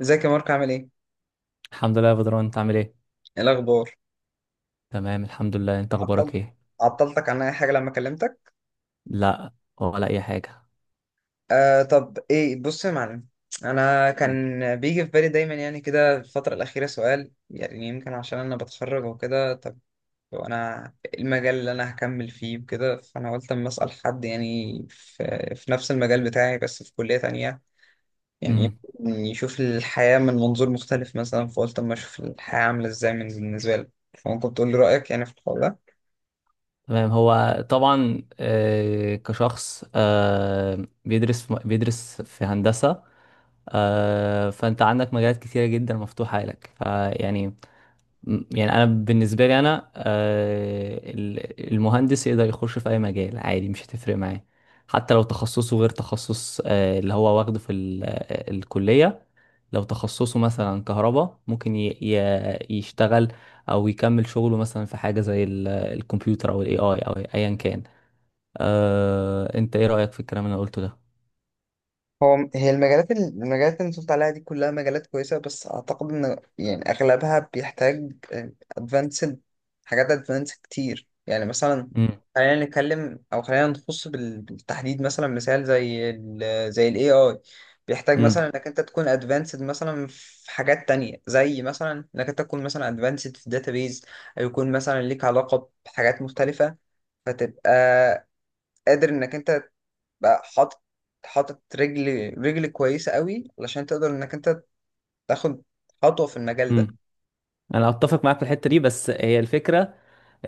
ازيك يا مارك، عامل ايه؟ الحمد لله يا بدران، انت عامل ايه؟ ايه الاخبار؟ تمام، الحمد لله. انت عطل... اخبارك ايه؟ عطلتك عن اي حاجه لما كلمتك؟ لا. ولا اي حاجه. طب ايه، بص يا معلم. انا مم. كان بيجي في بالي دايما يعني كده الفتره الاخيره سؤال، يعني يمكن عشان انا بتخرج وكده. طب وانا إيه المجال اللي انا هكمل فيه وكده؟ فانا قلت اما اسال حد يعني في نفس المجال بتاعي بس في كليه تانية، يعني مم. يمكن يشوف الحياه من منظور مختلف مثلا. فقلت اما اشوف الحياه عامله ازاي من بالنسبه لك، فممكن تقول لي رايك يعني في الحوار ده؟ تمام. هو طبعا كشخص بيدرس في هندسه. فانت عندك مجالات كتيره جدا مفتوحه لك فيعني. يعني بالنسبه لي انا المهندس يقدر يخش في اي مجال عادي، مش هتفرق معاه. حتى لو تخصصه غير تخصص اللي هو واخده في الكليه. لو تخصصه مثلا كهرباء ممكن يشتغل، او يكمل شغله مثلا في حاجه زي الكمبيوتر او الاي اي او ايا كان. انت ايه رايك في الكلام اللي انا قلته ده؟ هو هي المجالات اللي انت قلت عليها دي كلها مجالات كويسة، بس أعتقد إن يعني أغلبها بيحتاج أدفانسد. حاجات أدفانسد كتير، يعني مثلا خلينا نتكلم أو خلينا نخص بالتحديد مثلا، مثال زي زي ال AI بيحتاج مثلا امم. إنك أنت تكون أدفانسد مثلا في حاجات تانية، زي مثلا إنك أنت تكون مثلا أدفانسد في الداتابيز، أو يكون مثلا ليك علاقة بحاجات مختلفة. فتبقى قادر إنك أنت بقى حاطط رجل كويسة قوي علشان تقدر انك انت تاخد خطوة في المجال ده. امم. انا اتفق معاك في الحته دي، بس هي الفكره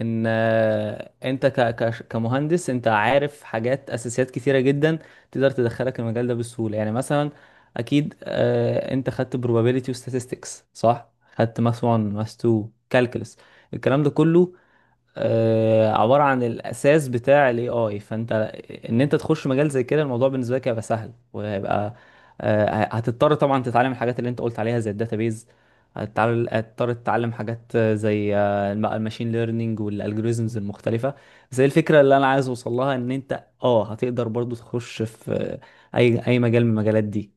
ان انت كمهندس انت عارف حاجات اساسيات كتيره جدا تقدر تدخلك المجال ده بسهوله، يعني مثلا. اكيد انت خدت probability و statistics، صح. خدت ماس 1 ماس 2 calculus. الكلام ده كله عبارة عن الأساس بتاع ال AI. فأنت إن أنت تخش مجال زي كده، الموضوع بالنسبة لك هيبقى سهل وهيبقى، هتضطر طبعا تتعلم الحاجات اللي أنت قلت عليها زي الداتابيز. هتضطر تتعلم حاجات زي الماشين ليرنينج والالجوريزمز المختلفة. بس هي الفكرة اللي أنا عايز أوصل لها إن أنت هتقدر برضو تخش في أي مجال من المجالات دي.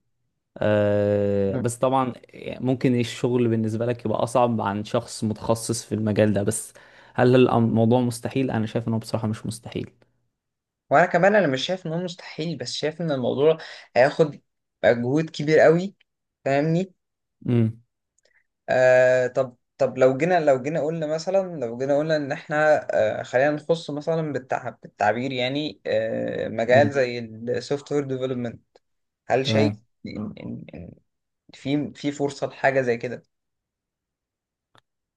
مم. بس طبعا ممكن الشغل بالنسبة لك يبقى أصعب عن شخص متخصص في المجال ده، بس هل الموضوع مستحيل؟ أنا شايف إنه بصراحة مش مستحيل. وانا كمان انا مش شايف ان هو مستحيل، بس شايف ان الموضوع هياخد مجهود كبير قوي. فاهمني؟ امم. آه طب طب لو جينا لو جينا قلنا مثلا لو جينا قلنا ان احنا خلينا نخص مثلا بالتعبير، يعني مجال امم. زي السوفت وير ديفلوبمنت. هل تمام. شايف ان إن في فرصة لحاجة زي كده؟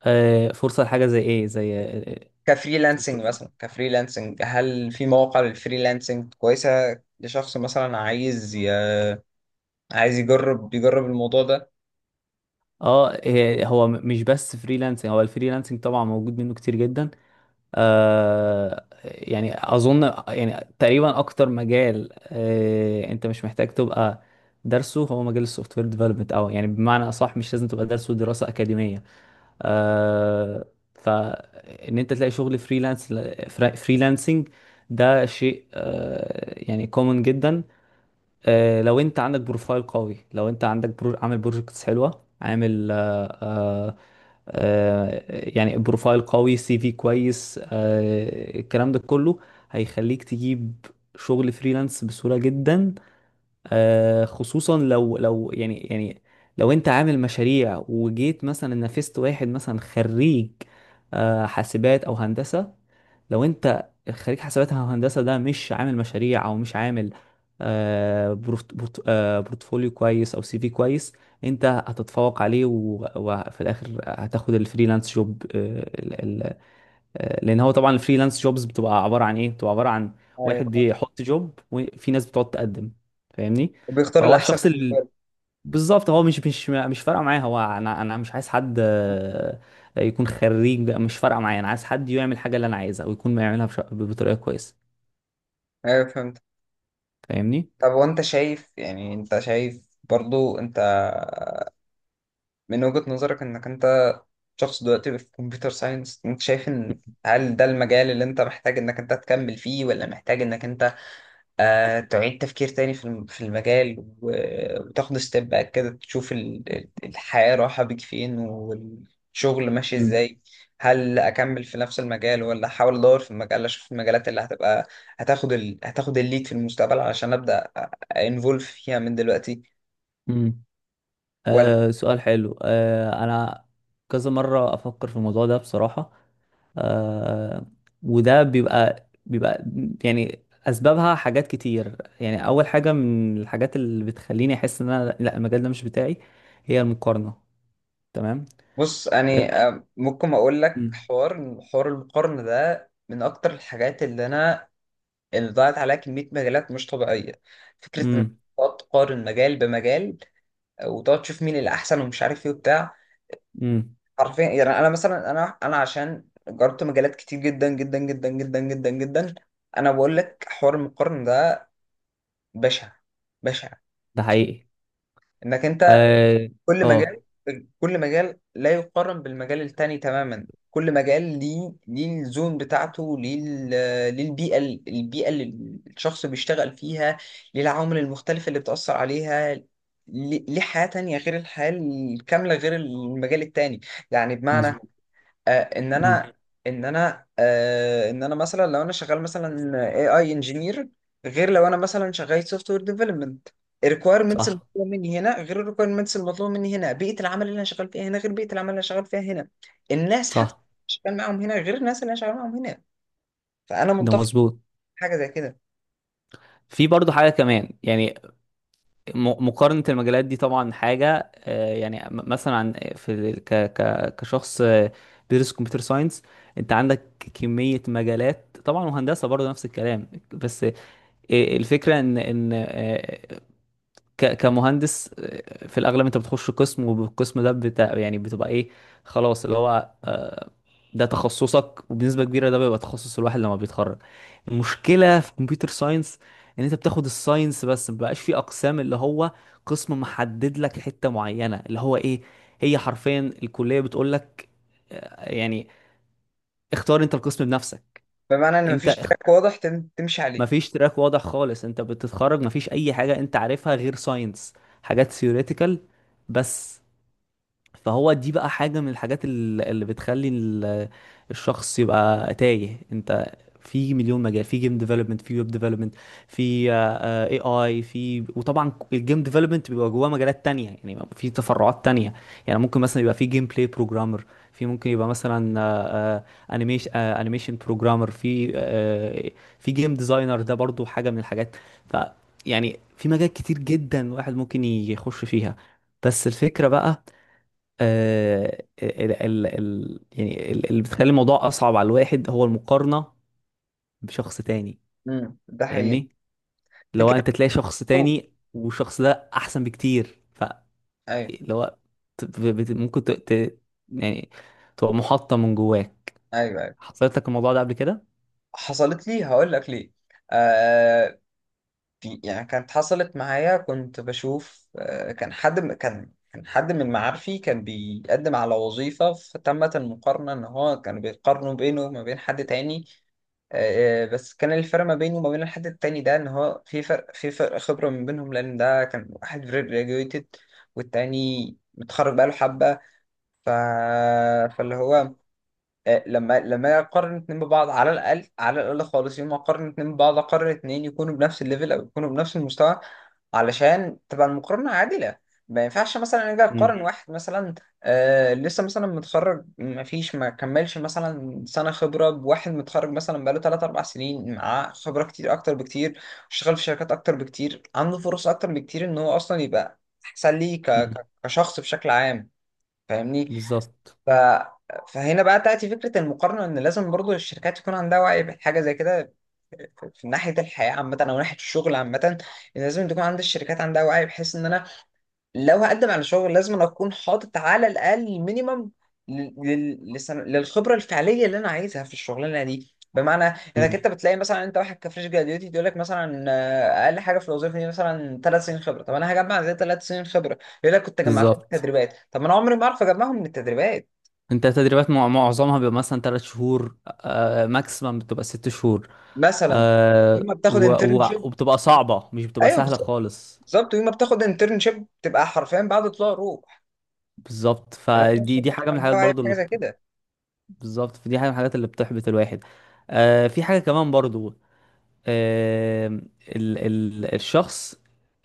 فرصة لحاجة زي إيه؟ زي كفريلانسنج تقصد- مثلا، كفريلانسنج، هل في مواقع للفريلانسنج كويسة لشخص مثلا عايز يجرب الموضوع ده؟ اه هو مش بس فريلانسنج، هو الفريلانسنج طبعا موجود منه كتير جدا. يعني اظن يعني تقريبا اكتر مجال انت مش محتاج تبقى درسه هو مجال السوفت وير ديفلوبمنت، او يعني بمعنى اصح مش لازم تبقى درسه دراسه اكاديميه. آه فان انت تلاقي شغل فريلانس فريلانسنج، ده شيء يعني كومن جدا. لو انت عندك بروفايل قوي، لو انت عندك برو... عامل بروجكتس حلوه، عامل يعني بروفايل قوي، سي في كويس، الكلام ده كله هيخليك تجيب شغل فريلانس بسهوله جدا. خصوصا لو يعني لو انت عامل مشاريع وجيت مثلا نافست واحد، مثلا خريج حاسبات او هندسة. لو انت خريج حاسبات او هندسة ده مش عامل مشاريع او مش عامل بورتفوليو كويس او سي في كويس، انت هتتفوق عليه وفي الاخر هتاخد الفريلانس جوب. لان هو طبعا الفريلانس جوبز بتبقى عباره عن ايه، بتبقى عباره عن ايوه واحد فهمت. بيحط جوب وفي ناس بتقعد تقدم. فاهمني. وبيختار فهو الأحسن الشخص بالنسبة اللي له. بالظبط، هو مش فارقه معاه، هو انا مش عايز حد يكون خريج، مش فارقه معايا، انا عايز حد يعمل الحاجه اللي انا عايزها ويكون بيعملها بطريقه كويسه. ايوه فهمت. فاهمني. طب وانت شايف، يعني انت شايف برضو انت من وجهة نظرك انك انت شخص دلوقتي في كمبيوتر ساينس، انت شايف ان هل ده المجال اللي انت محتاج انك انت تكمل فيه، ولا محتاج انك انت تعيد تفكير تاني في في المجال، وتاخد ستيب باك كده تشوف الحياة رايحة بيك فين والشغل ماشي امم. ازاي؟ هل اكمل في نفس المجال ولا احاول ادور في المجال، اشوف المجالات اللي هتبقى هتاخد الليد في المستقبل علشان ابدا انفولف فيها من دلوقتي، امم. ولا؟ سؤال حلو، انا كذا مره افكر في الموضوع ده بصراحه. آه وده بيبقى يعني اسبابها حاجات كتير، يعني اول حاجه من الحاجات اللي بتخليني احس ان انا، لا، المجال ده مش بتاعي، هي المقارنه. تمام. بص يعني ممكن اقول لك مم. حوار، المقارنة ده من اكتر الحاجات اللي انا، اللي ضاعت عليها كمية مجالات مش طبيعية. فكرة ان امم. تقعد تقارن مجال بمجال، وتقعد تشوف مين اللي احسن ومش عارف ايه وبتاع. امم. حرفيا يعني، انا مثلا انا عشان جربت مجالات كتير جدا جدا جدا جدا جدا جدا. انا بقول لك حوار المقارنه ده بشع، بشع. ده حقيقي. انك انت اه، كل مجال، آه، كل مجال لا يقارن بالمجال التاني تماما. كل مجال ليه الزون بتاعته، ليه البيئة اللي الشخص بيشتغل فيها، ليه العوامل المختلفة اللي بتأثر عليها، ليه حياة تانية غير الحياة الكاملة غير المجال التاني. يعني بمعنى مظبوط. آه، ان امم. انا ان انا مثلا لو انا شغال مثلا اي اي انجينير، غير لو انا مثلا شغال سوفت وير ديفلوبمنت. الريكويرمنتس صح. المطلوبه مني هنا غير الريكويرمنتس المطلوبه مني هنا. بيئه العمل اللي انا شغال فيها هنا غير بيئه العمل اللي انا شغال فيها هنا. الناس حتى صح. اللي شغال معاهم هنا غير الناس اللي انا شغال معاهم هنا. فانا ده متفق مظبوط. مع حاجه زي كده. في برضو حاجه كمان، يعني مقارنة المجالات دي طبعا حاجة يعني مثلا عن في ك ك كشخص بيدرس كمبيوتر ساينس، انت عندك كمية مجالات طبعا، وهندسة برضه نفس الكلام، بس الفكرة ان كمهندس في الاغلب انت بتخش قسم والقسم ده بتاع، يعني بتبقى ايه، خلاص، اللي هو ده تخصصك وبنسبه كبيره ده بيبقى تخصص الواحد لما بيتخرج. المشكله في كمبيوتر ساينس ان انت بتاخد الساينس بس، مبقاش في اقسام، اللي هو قسم محدد لك حته معينه، اللي هو ايه. هي حرفيا الكليه بتقول لك يعني اختار انت القسم بنفسك. بمعنى ان انت مفيش تراك واضح تمشي عليه. مفيش تراك واضح خالص، انت بتتخرج مفيش اي حاجه انت عارفها غير ساينس، حاجات ثيوريتيكال بس. فهو دي بقى حاجة من الحاجات اللي بتخلي الشخص يبقى تايه. انت في مليون مجال، في جيم ديفلوبمنت، في ويب ديفلوبمنت، في اي اي، وطبعا الجيم ديفلوبمنت بيبقى جواه مجالات تانية، يعني في تفرعات تانية. يعني ممكن مثلا يبقى في جيم بلاي بروجرامر، في، ممكن يبقى مثلا انيميشن بروجرامر، في في جيم ديزاينر، ده برضو حاجة من الحاجات. ف يعني في مجال كتير جدا الواحد ممكن يخش فيها. بس الفكرة بقى ال ال ال يعني اللي بتخلي الموضوع اصعب على الواحد هو المقارنه بشخص تاني. ده حقيقي. فاهمني. لو فكره. انت تلاقي شخص تاني والشخص ده احسن بكتير، ايوه، لو ممكن يعني تبقى محطه من جواك، ايوه. ايوه حصلت لك الموضوع ده قبل كده؟ حصلت لي، هقول لك ليه. آه في يعني، كانت حصلت معايا، كنت بشوف كان حد كان حد من معارفي كان بيقدم على وظيفة، فتمت المقارنة إن هو كانوا بيقارنوا بينه وما بين حد تاني. بس كان الفرق ما بينه وما بين الحد التاني ده إن هو في فرق خبرة من بينهم، لأن ده كان واحد graduated والتاني متخرج بقاله حبة. ف... فاللي هو لما اقارن اتنين ببعض، على الاقل، خالص يوم ما اقارن اتنين ببعض اقارن اتنين يكونوا بنفس الليفل او يكونوا بنفس المستوى، علشان تبقى المقارنه عادله. ما ينفعش مثلا اجي اقارن امم. واحد مثلا لسه مثلا متخرج، ما فيش، ما كملش مثلا سنه خبره، بواحد متخرج مثلا بقاله 3 4 سنين، معاه خبره كتير، اكتر بكتير، اشتغل في شركات اكتر بكتير، عنده فرص اكتر بكتير ان هو اصلا يبقى احسن لي امم. كشخص بشكل عام. فاهمني؟ بالظبط. ف... فهنا بقى تأتي فكرة المقارنة، إن لازم برضو الشركات يكون عندها وعي بحاجة زي كده، في ناحية الحياة عامة أو ناحية الشغل عامة. إن لازم تكون عند الشركات عندها وعي، بحيث إن أنا لو هقدم على شغل لازم أنا أكون حاطط على الأقل مينيمم للخبرة الفعلية اللي أنا عايزها في الشغلانة دي. بمعنى إنك امم. أنت بتلاقي مثلا أنت واحد كفريش جراديوتي، يقول لك مثلا أقل حاجة في الوظيفة دي مثلا 3 سنين خبرة. طب أنا هجمع زي 3 سنين خبرة؟ يقول لك كنت جمعتها من بالظبط. التدريبات. طب ما أنا عمري ما أعرف أجمعهم من التدريبات انت تدريبات معظمها بيبقى مثلا 3 شهور، ماكسيمم بتبقى 6 شهور. مثلا. يوم ما بتاخد انترنشيب. وبتبقى صعبة، مش بتبقى ايوه سهلة بالظبط. خالص. بالظبط، يوم ما بتاخد انترنشيب تبقى حرفيا بعد طلوع روح. بالظبط، فلازم فدي الشركات حاجة اللي من عندها الحاجات وعي في برضو حاجه اللي زي كده. بالظبط، فدي حاجة من الحاجات اللي بتحبط الواحد. في حاجة كمان برضو، آه الشخص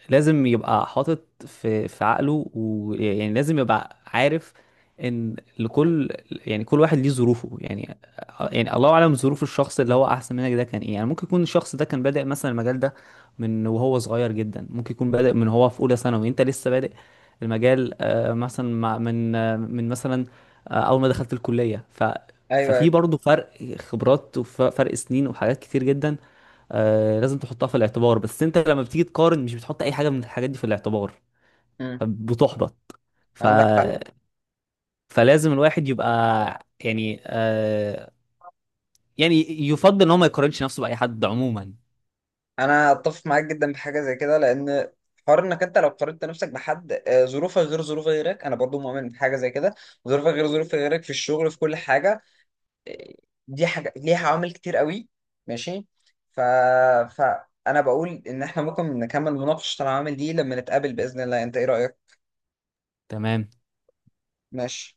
لازم يبقى حاطط في عقله، ويعني لازم يبقى عارف ان لكل، يعني كل واحد ليه ظروفه، يعني يعني الله اعلم ظروف الشخص اللي هو احسن منك ده كان ايه. يعني ممكن يكون الشخص ده كان بادئ مثلا المجال ده من وهو صغير جدا، ممكن يكون بادئ من هو في اولى ثانوي، انت لسه بادئ المجال مثلا من مثلا اول ما دخلت الكلية، ايوه، ففي ايوه. برضه فرق خبرات، وفرق سنين، وحاجات كتير جدا. لازم تحطها في الاعتبار، بس انت لما بتيجي تقارن مش بتحط اي حاجه من الحاجات دي في الاعتبار. امم. فبتحبط. ف... عندك حق. فلازم الواحد يبقى، يعني يعني يفضل ان هو ما يقارنش نفسه باي حد عموما. انا اتفق معاك جدا في حاجه زي كده، لان حوار انك انت لو قارنت نفسك بحد، ظروفك غير ظروف غيرك، انا برضو مؤمن بحاجه زي كده. ظروفك غير ظروف غيرك في الشغل، في كل حاجه. آه، دي حاجه ليها عوامل كتير قوي. ماشي. ف فانا بقول ان احنا ممكن نكمل مناقشه العوامل دي لما نتقابل باذن الله، انت ايه رايك؟ تمام. ماشي.